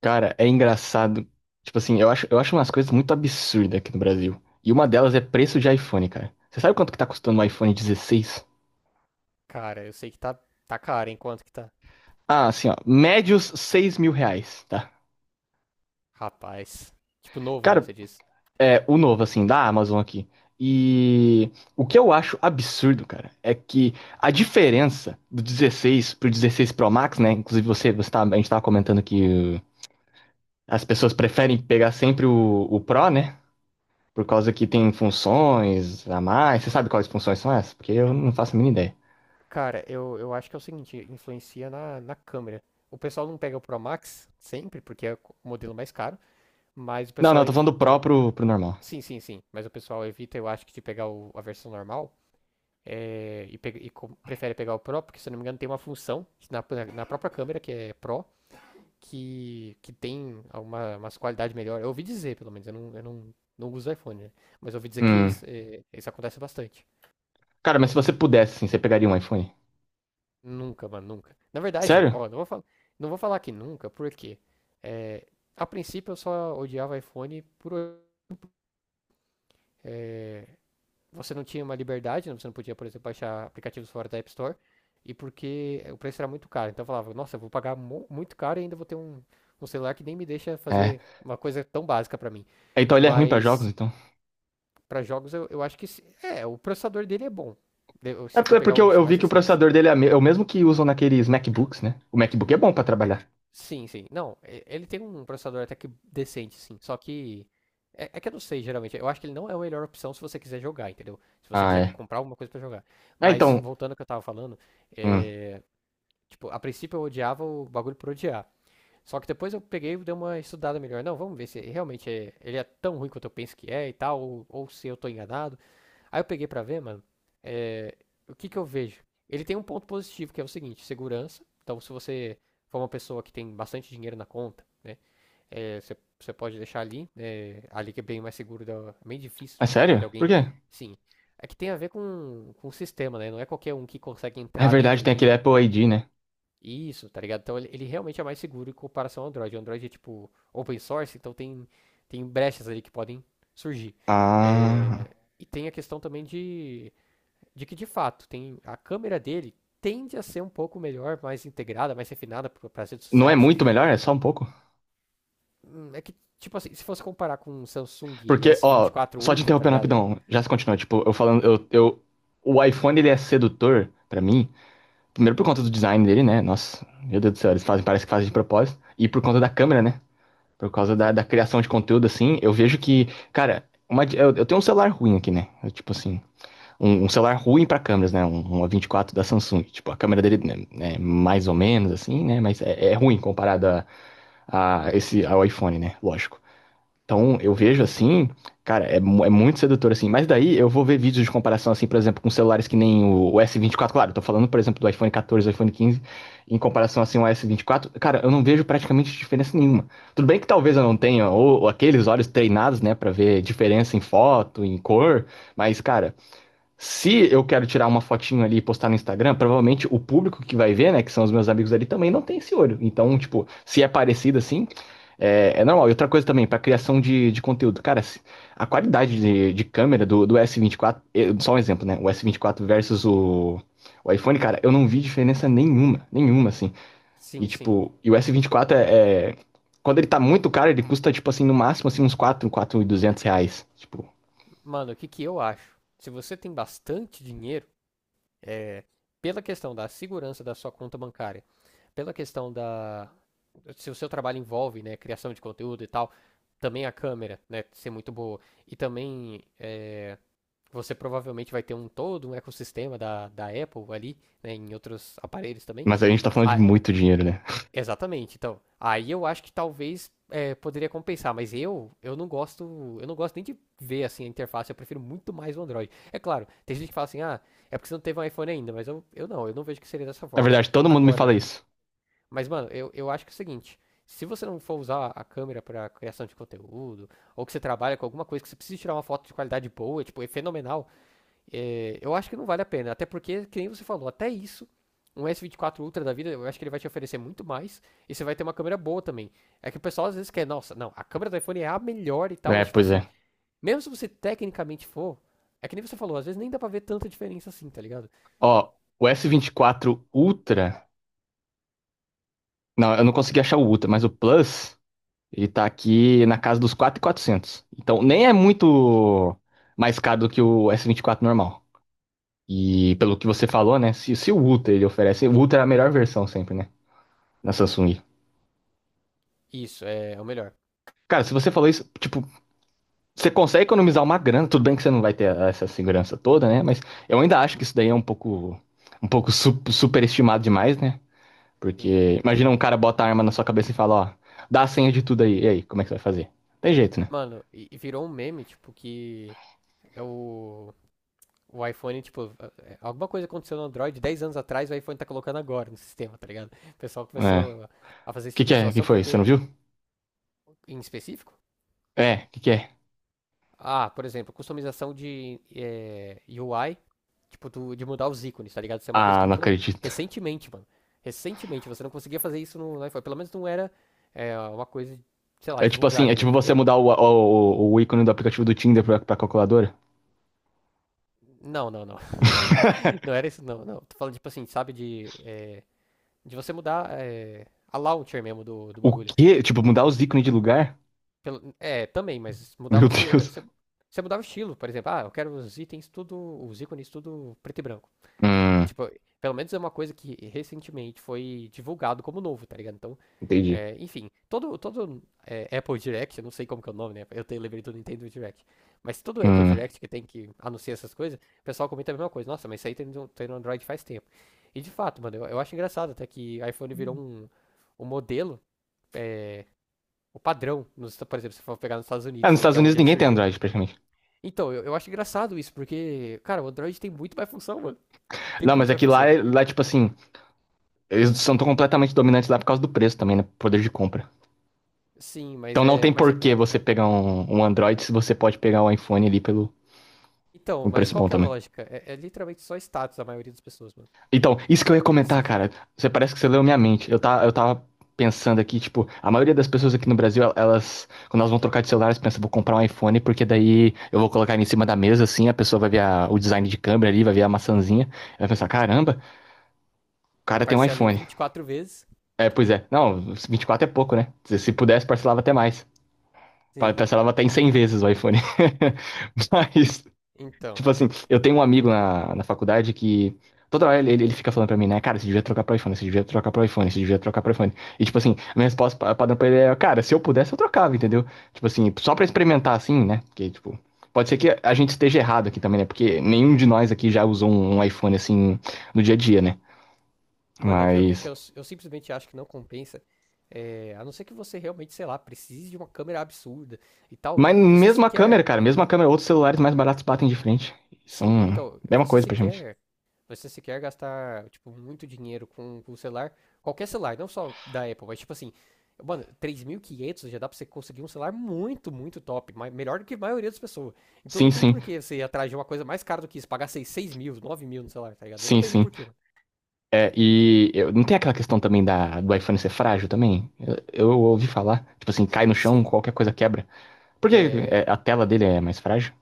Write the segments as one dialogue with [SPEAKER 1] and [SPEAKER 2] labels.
[SPEAKER 1] Cara, é engraçado. Tipo assim, eu acho umas coisas muito absurdas aqui no Brasil. E uma delas é preço de iPhone, cara. Você sabe quanto que tá custando um iPhone 16?
[SPEAKER 2] Cara, eu sei que tá caro, hein? Quanto que tá?
[SPEAKER 1] Ah, assim, ó. Médios R$ 6.000, tá?
[SPEAKER 2] Rapaz. Tipo, novo, né?
[SPEAKER 1] Cara,
[SPEAKER 2] Você diz.
[SPEAKER 1] é o novo, assim, da Amazon aqui. E o que eu acho absurdo, cara, é que a diferença do 16 pro 16 Pro Max, né? Inclusive você tá, a gente tava comentando que as pessoas preferem pegar sempre o Pro, né? Por causa que
[SPEAKER 2] Hum.
[SPEAKER 1] tem funções a mais. Você sabe quais funções são essas? Porque eu não faço a mínima ideia.
[SPEAKER 2] Cara, eu acho que é o seguinte, influencia na câmera. O pessoal não pega o Pro Max sempre, porque é o modelo mais caro, mas o
[SPEAKER 1] Não, não,
[SPEAKER 2] pessoal
[SPEAKER 1] eu tô falando do
[SPEAKER 2] evita.
[SPEAKER 1] Pro pro normal.
[SPEAKER 2] Sim, sim, sim. Mas o pessoal evita, eu acho, que de pegar a versão normal. Prefere pegar o Pro, porque se eu não me engano tem uma função na própria câmera que é Pro, que tem umas qualidades melhores. Eu ouvi dizer, pelo menos, eu não uso iPhone, né? Mas eu ouvi dizer que
[SPEAKER 1] Hum.
[SPEAKER 2] isso acontece bastante.
[SPEAKER 1] Cara, mas se você pudesse, assim, você pegaria um iPhone?
[SPEAKER 2] Nunca, mano, nunca. Na verdade,
[SPEAKER 1] Sério?
[SPEAKER 2] ó, não vou falar que nunca, porque é, a princípio eu só odiava iPhone por você não tinha uma liberdade, né? Você não podia, por exemplo, baixar aplicativos fora da App Store, e porque o preço era muito caro. Então eu falava, nossa, eu vou pagar muito caro e ainda vou ter um celular que nem me deixa
[SPEAKER 1] É.
[SPEAKER 2] fazer uma coisa tão básica pra mim.
[SPEAKER 1] É, então ele é ruim pra jogos,
[SPEAKER 2] Mas
[SPEAKER 1] então.
[SPEAKER 2] para jogos, eu acho que o processador dele é bom. Se
[SPEAKER 1] É
[SPEAKER 2] você for
[SPEAKER 1] por- é
[SPEAKER 2] pegar
[SPEAKER 1] porque eu,
[SPEAKER 2] os
[SPEAKER 1] eu
[SPEAKER 2] mais
[SPEAKER 1] vi que o
[SPEAKER 2] recentes.
[SPEAKER 1] processador dele é o mesmo que usam naqueles MacBooks, né? O MacBook é bom pra trabalhar.
[SPEAKER 2] Sim, sim. Não, ele tem um processador até que decente, sim. Só que. É que eu não sei, geralmente. Eu acho que ele não é a melhor opção se você quiser jogar, entendeu? Se você
[SPEAKER 1] Ah,
[SPEAKER 2] quiser
[SPEAKER 1] é.
[SPEAKER 2] comprar alguma coisa pra jogar.
[SPEAKER 1] Ah,
[SPEAKER 2] Mas,
[SPEAKER 1] então.
[SPEAKER 2] voltando ao que eu tava falando,
[SPEAKER 1] Hum.
[SPEAKER 2] é. Tipo, a princípio eu odiava o bagulho por odiar. Só que depois eu peguei e dei uma estudada melhor. Não, vamos ver se realmente ele é tão ruim quanto eu penso que é e tal, ou se eu tô enganado. Aí eu peguei pra ver, mano, é, o que que eu vejo? Ele tem um ponto positivo, que é o seguinte, segurança. Então, se você for uma pessoa que tem bastante dinheiro na conta, né, você pode deixar ali, né, ali que é bem mais seguro, é bem difícil,
[SPEAKER 1] É
[SPEAKER 2] né, de
[SPEAKER 1] sério? Por
[SPEAKER 2] alguém,
[SPEAKER 1] quê?
[SPEAKER 2] sim. É que tem a ver com o sistema, né? Não é qualquer um que consegue
[SPEAKER 1] É
[SPEAKER 2] entrar dentro
[SPEAKER 1] verdade, tem aquele
[SPEAKER 2] ali,
[SPEAKER 1] Apple ID, né?
[SPEAKER 2] isso, tá ligado? Então, ele realmente é mais seguro em comparação ao Android. O Android é, tipo, open source, então tem brechas ali que podem surgir.
[SPEAKER 1] Ah.
[SPEAKER 2] É, e tem a questão também de que de fato tem a câmera dele tende a ser um pouco melhor, mais integrada, mais refinada para as redes
[SPEAKER 1] Não é
[SPEAKER 2] sociais.
[SPEAKER 1] muito melhor?
[SPEAKER 2] E,
[SPEAKER 1] É só um pouco?
[SPEAKER 2] é que tipo assim, se fosse comparar com o Samsung
[SPEAKER 1] Porque, ó,
[SPEAKER 2] S24
[SPEAKER 1] só te
[SPEAKER 2] Ultra, tá
[SPEAKER 1] interrompendo
[SPEAKER 2] ligado?
[SPEAKER 1] rapidão, já se continua, tipo, eu falando, o iPhone ele é sedutor pra mim, primeiro por conta do design dele, né? Nossa, meu Deus do céu, eles fazem, parece que fazem de propósito, e por conta da
[SPEAKER 2] Sim,
[SPEAKER 1] câmera, né? Por causa da,
[SPEAKER 2] sim,
[SPEAKER 1] da criação de conteúdo, assim, eu vejo que, cara, eu tenho um celular ruim aqui, né? Eu, tipo assim, um celular ruim pra câmeras, né? Um A24 da Samsung, tipo, a câmera dele né, é mais ou menos, assim, né? Mas é ruim comparado a esse, ao iPhone, né? Lógico. Então, eu vejo
[SPEAKER 2] sim.
[SPEAKER 1] assim, cara, é muito sedutor assim. Mas daí eu vou ver vídeos de comparação, assim, por exemplo, com celulares que nem o S24. Claro, eu tô falando, por exemplo, do iPhone 14, iPhone 15, em comparação, assim, ao S24. Cara, eu não vejo praticamente diferença nenhuma. Tudo bem que talvez eu não tenha, ou aqueles olhos treinados, né, pra ver diferença em foto, em cor. Mas, cara, se eu quero tirar uma fotinho ali e postar no Instagram, provavelmente o público que vai ver, né, que são os meus amigos ali, também não tem esse olho. Então, tipo, se é parecido assim, é normal. E outra coisa também, para criação de conteúdo. Cara, a qualidade de câmera do S24, só um exemplo, né? O S24 versus o iPhone, cara, eu não vi diferença nenhuma, nenhuma, assim. E,
[SPEAKER 2] Sim, sim.
[SPEAKER 1] tipo, e o S24 é. Quando ele tá muito caro, ele custa, tipo assim, no máximo, assim, uns quatro mil e duzentos reais. Tipo,
[SPEAKER 2] Mano, o que que eu acho? Se você tem bastante dinheiro, é, pela questão da segurança da sua conta bancária, pela questão da se o seu trabalho envolve, né, criação de conteúdo e tal, também a câmera, né, ser muito boa e também você provavelmente vai ter um todo um ecossistema da Apple ali, né, em outros aparelhos também.
[SPEAKER 1] mas a gente tá falando de
[SPEAKER 2] Ah,
[SPEAKER 1] muito dinheiro, né?
[SPEAKER 2] exatamente. Então, aí eu acho que talvez poderia compensar, mas eu não gosto, eu não gosto nem de ver assim a interface, eu prefiro muito mais o Android. É claro, tem gente que fala assim: "Ah, é porque você não teve um iPhone ainda", mas eu não vejo que seria dessa
[SPEAKER 1] Na
[SPEAKER 2] forma.
[SPEAKER 1] verdade, todo mundo me fala
[SPEAKER 2] Agora,
[SPEAKER 1] isso.
[SPEAKER 2] mas mano, eu acho que é o seguinte, se você não for usar a câmera para criação de conteúdo, ou que você trabalha com alguma coisa que você precisa tirar uma foto de qualidade boa, tipo, é fenomenal, eu acho que não vale a pena. Até porque, que nem você falou, até isso, um S24 Ultra da vida, eu acho que ele vai te oferecer muito mais. E você vai ter uma câmera boa também. É que o pessoal às vezes quer, nossa, não, a câmera do iPhone é a melhor e tal. É
[SPEAKER 1] É,
[SPEAKER 2] tipo
[SPEAKER 1] pois é.
[SPEAKER 2] assim, mesmo se você tecnicamente for, é que nem você falou, às vezes nem dá pra ver tanta diferença assim, tá ligado?
[SPEAKER 1] Ó, o S24 Ultra. Não, eu não consegui achar o Ultra, mas o Plus, ele tá aqui na casa dos 4.400. Então, nem é muito mais caro do que o S24 normal. E pelo que você falou, né? Se o Ultra ele oferece, o Ultra é a melhor versão sempre, né? Na Samsung.
[SPEAKER 2] Isso, é o melhor.
[SPEAKER 1] Cara, se você falou isso, tipo, você consegue economizar uma grana, tudo bem que você não vai ter essa segurança toda, né? Mas eu ainda acho que isso daí é um pouco superestimado demais, né?
[SPEAKER 2] Sim.
[SPEAKER 1] Porque imagina um cara bota a arma na sua cabeça e fala, ó, dá a senha de tudo aí. E aí, como é que você vai fazer? Tem jeito, né?
[SPEAKER 2] Mano, e virou um meme, tipo, que é o. O iPhone, tipo, alguma coisa aconteceu no Android 10 anos atrás, o iPhone tá colocando agora no sistema, tá ligado? O pessoal
[SPEAKER 1] É.
[SPEAKER 2] começou
[SPEAKER 1] O
[SPEAKER 2] a fazer esse
[SPEAKER 1] que que
[SPEAKER 2] tipo de
[SPEAKER 1] é? O que
[SPEAKER 2] situação
[SPEAKER 1] foi? Você
[SPEAKER 2] porque
[SPEAKER 1] não viu?
[SPEAKER 2] em específico?
[SPEAKER 1] É, o que que é?
[SPEAKER 2] Ah, por exemplo, customização de UI, tipo, de mudar os ícones, tá ligado? Isso é uma coisa que
[SPEAKER 1] Ah, não
[SPEAKER 2] entrou
[SPEAKER 1] acredito.
[SPEAKER 2] recentemente, mano. Recentemente, você não conseguia fazer isso no iPhone. Pelo menos não era uma coisa, sei lá,
[SPEAKER 1] É tipo assim, é
[SPEAKER 2] divulgada, né?
[SPEAKER 1] tipo você
[SPEAKER 2] Porque.
[SPEAKER 1] mudar o ícone do aplicativo do Tinder pra calculadora.
[SPEAKER 2] Não, não, não. Não era isso, não, não. Tô falando, tipo assim, sabe, de você mudar a launcher mesmo do
[SPEAKER 1] O
[SPEAKER 2] bagulho.
[SPEAKER 1] quê? Tipo, mudar os ícones de lugar?
[SPEAKER 2] É, também, mas mudar
[SPEAKER 1] Meu
[SPEAKER 2] você,
[SPEAKER 1] Deus.
[SPEAKER 2] você. Você mudava o estilo, por exemplo. Ah, eu quero os itens tudo. Os ícones tudo preto e branco.
[SPEAKER 1] Hum,
[SPEAKER 2] Tipo, pelo menos é uma coisa que recentemente foi divulgado como novo, tá ligado? Então,
[SPEAKER 1] entendi.
[SPEAKER 2] enfim, todo Apple Direct, eu não sei como que é o nome, né? Eu tenho lembrei do Nintendo Direct. Mas todo Apple
[SPEAKER 1] Hum.
[SPEAKER 2] Direct que tem que anunciar essas coisas, o pessoal comenta a mesma coisa. Nossa, mas isso aí tem no Android faz tempo. E de fato, mano, eu acho engraçado até que iPhone virou um modelo, é, o padrão, nos, por exemplo, se for pegar nos Estados
[SPEAKER 1] Ah,
[SPEAKER 2] Unidos,
[SPEAKER 1] nos
[SPEAKER 2] né? Que
[SPEAKER 1] Estados
[SPEAKER 2] é
[SPEAKER 1] Unidos
[SPEAKER 2] onde ele
[SPEAKER 1] ninguém tem
[SPEAKER 2] surgiu.
[SPEAKER 1] Android, praticamente.
[SPEAKER 2] Então, eu acho engraçado isso, porque, cara, o Android tem muito mais função, mano. Tem
[SPEAKER 1] Não,
[SPEAKER 2] muito
[SPEAKER 1] mas é
[SPEAKER 2] mais
[SPEAKER 1] que lá,
[SPEAKER 2] função.
[SPEAKER 1] lá tipo assim, eles são tão completamente dominantes lá por causa do preço também, né? Poder de compra.
[SPEAKER 2] Sim, mas
[SPEAKER 1] Então não
[SPEAKER 2] é.
[SPEAKER 1] tem
[SPEAKER 2] Mas é-
[SPEAKER 1] por que você pegar um Android se você pode pegar um iPhone ali pelo
[SPEAKER 2] Então,
[SPEAKER 1] um
[SPEAKER 2] mas
[SPEAKER 1] preço
[SPEAKER 2] qual
[SPEAKER 1] bom
[SPEAKER 2] que é a
[SPEAKER 1] também.
[SPEAKER 2] lógica? É literalmente só status a maioria das pessoas, mano.
[SPEAKER 1] Então, isso que
[SPEAKER 2] Não
[SPEAKER 1] eu
[SPEAKER 2] é
[SPEAKER 1] ia
[SPEAKER 2] porque
[SPEAKER 1] comentar,
[SPEAKER 2] precisa.
[SPEAKER 1] cara. Você parece que você leu minha mente. Eu, tá, eu tava pensando aqui, tipo, a maioria das pessoas aqui no Brasil, elas, quando elas vão trocar de celular, elas pensam, vou comprar um iPhone, porque daí eu vou colocar ele em cima da mesa, assim, a pessoa vai ver o design de câmera ali, vai ver a maçãzinha, ela vai pensar, caramba, o
[SPEAKER 2] Aí
[SPEAKER 1] cara tem um
[SPEAKER 2] parcela em
[SPEAKER 1] iPhone.
[SPEAKER 2] 24 vezes.
[SPEAKER 1] É, pois é. Não, 24 é pouco, né? Se pudesse, parcelava até mais.
[SPEAKER 2] Sim.
[SPEAKER 1] Parcelava até em 100 vezes o iPhone. Mas
[SPEAKER 2] Então.
[SPEAKER 1] tipo assim, eu tenho um amigo na faculdade que toda hora ele fica falando pra mim, né? Cara, você devia trocar pro iPhone, você devia trocar pro iPhone, você devia trocar pro iPhone. E tipo assim, a minha resposta padrão pra ele é, cara, se eu pudesse eu trocava, entendeu? Tipo assim, só pra experimentar assim, né? Porque, tipo, pode ser que a gente esteja errado aqui também, né? Porque nenhum de nós aqui já usou um iPhone assim no dia a dia, né?
[SPEAKER 2] Mano, é que eu, é que
[SPEAKER 1] Mas.
[SPEAKER 2] eu, eu simplesmente acho que não compensa. É, a não ser que você realmente, sei lá, precise de uma câmera absurda e tal.
[SPEAKER 1] Mas
[SPEAKER 2] Você
[SPEAKER 1] mesmo a câmera,
[SPEAKER 2] sequer
[SPEAKER 1] cara, mesmo a câmera, outros celulares mais baratos batem de frente.
[SPEAKER 2] Sim,
[SPEAKER 1] São.
[SPEAKER 2] então,
[SPEAKER 1] É uma
[SPEAKER 2] você
[SPEAKER 1] coisa pra gente.
[SPEAKER 2] sequer, você sequer gastar, tipo, muito dinheiro com o celular, qualquer celular, não só da Apple, mas tipo assim, mano, 3.500 já dá pra você conseguir um celular muito, muito top, melhor do que a maioria das pessoas. Então
[SPEAKER 1] Sim,
[SPEAKER 2] não tem
[SPEAKER 1] sim.
[SPEAKER 2] por que você ir atrás de uma coisa mais cara do que isso, pagar seis mil, 9.000 no celular, tá ligado? Eu não
[SPEAKER 1] Sim,
[SPEAKER 2] vejo
[SPEAKER 1] sim.
[SPEAKER 2] por quê, mano.
[SPEAKER 1] É, e não tem aquela questão também da, do iPhone ser frágil também? Eu ouvi falar, tipo assim, cai no chão,
[SPEAKER 2] Sim,
[SPEAKER 1] qualquer coisa quebra. Por que
[SPEAKER 2] é.
[SPEAKER 1] é, a tela dele é mais frágil?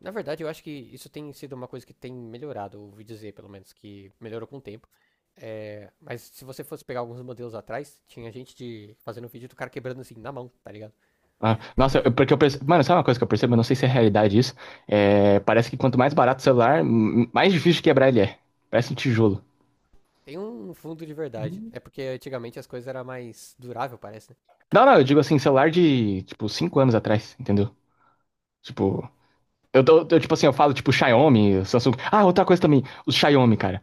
[SPEAKER 2] Na verdade, eu acho que isso tem sido uma coisa que tem melhorado, ouvi dizer, pelo menos, que melhorou com o tempo. É, mas se você fosse pegar alguns modelos atrás, tinha gente de fazendo vídeo do cara quebrando assim na mão, tá ligado?
[SPEAKER 1] Ah, nossa, porque eu percebo. Mano, sabe uma coisa que eu percebo? Eu não sei se é realidade isso. É, parece que quanto mais barato o celular, mais difícil de quebrar ele é. Parece um tijolo.
[SPEAKER 2] Tem um fundo de verdade. É porque antigamente as coisas eram mais durável, parece, né?
[SPEAKER 1] Não, não, eu digo assim, celular de, tipo, 5 anos atrás, entendeu? Tipo, tipo assim, eu falo, tipo, Xiaomi, Samsung. Ah, outra coisa também, os Xiaomi, cara.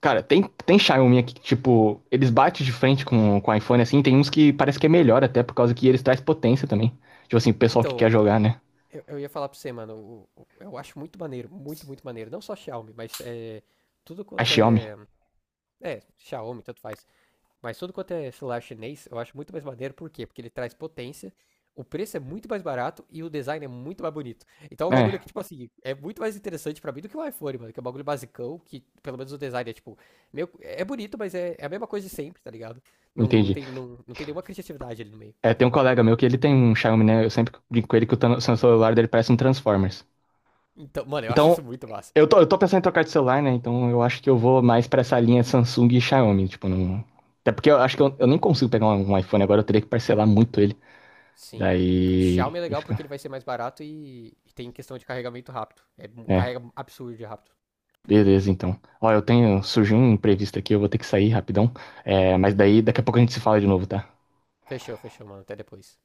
[SPEAKER 1] Cara, tem Xiaomi aqui que, tipo, eles batem de frente com o iPhone, assim, tem uns que parece que é melhor até, por causa que eles trazem potência também. Tipo assim, o pessoal que quer
[SPEAKER 2] Então,
[SPEAKER 1] jogar, né?
[SPEAKER 2] eu ia falar pra você, mano, eu acho muito maneiro, muito, muito maneiro. Não só Xiaomi, mas tudo
[SPEAKER 1] A
[SPEAKER 2] quanto
[SPEAKER 1] Xiaomi.
[SPEAKER 2] é. É, Xiaomi, tanto faz. Mas tudo quanto é celular chinês, eu acho muito mais maneiro, por quê? Porque ele traz potência, o preço é muito mais barato e o design é muito mais bonito. Então é um bagulho
[SPEAKER 1] É,
[SPEAKER 2] que, tipo assim, é muito mais interessante pra mim do que o iPhone, mano, que é um bagulho basicão, que pelo menos o design é, tipo, meio, é bonito, mas é a mesma coisa de sempre, tá ligado? Não, não,
[SPEAKER 1] entendi.
[SPEAKER 2] não, não tem nenhuma criatividade ali no meio.
[SPEAKER 1] É, tem um colega meu que ele tem um Xiaomi, né? Eu sempre brinco com ele que o celular dele parece um Transformers.
[SPEAKER 2] Então, mano, eu acho isso
[SPEAKER 1] Então,
[SPEAKER 2] muito massa.
[SPEAKER 1] eu tô pensando em trocar de celular, né? Então eu acho que eu vou mais pra essa linha Samsung e Xiaomi, tipo, não... Até porque eu acho que eu nem consigo pegar um iPhone agora, eu teria que parcelar muito ele.
[SPEAKER 2] Sim.
[SPEAKER 1] Daí.
[SPEAKER 2] Xiaomi é
[SPEAKER 1] E
[SPEAKER 2] legal
[SPEAKER 1] fica.
[SPEAKER 2] porque ele vai ser mais barato e tem questão de carregamento rápido. É,
[SPEAKER 1] É,
[SPEAKER 2] carrega absurdo de rápido.
[SPEAKER 1] beleza então. Ó, eu tenho. Surgiu um imprevisto aqui, eu vou ter que sair rapidão. É, mas daí daqui a pouco a gente se fala de novo, tá?
[SPEAKER 2] Fechou, fechou, mano. Até depois.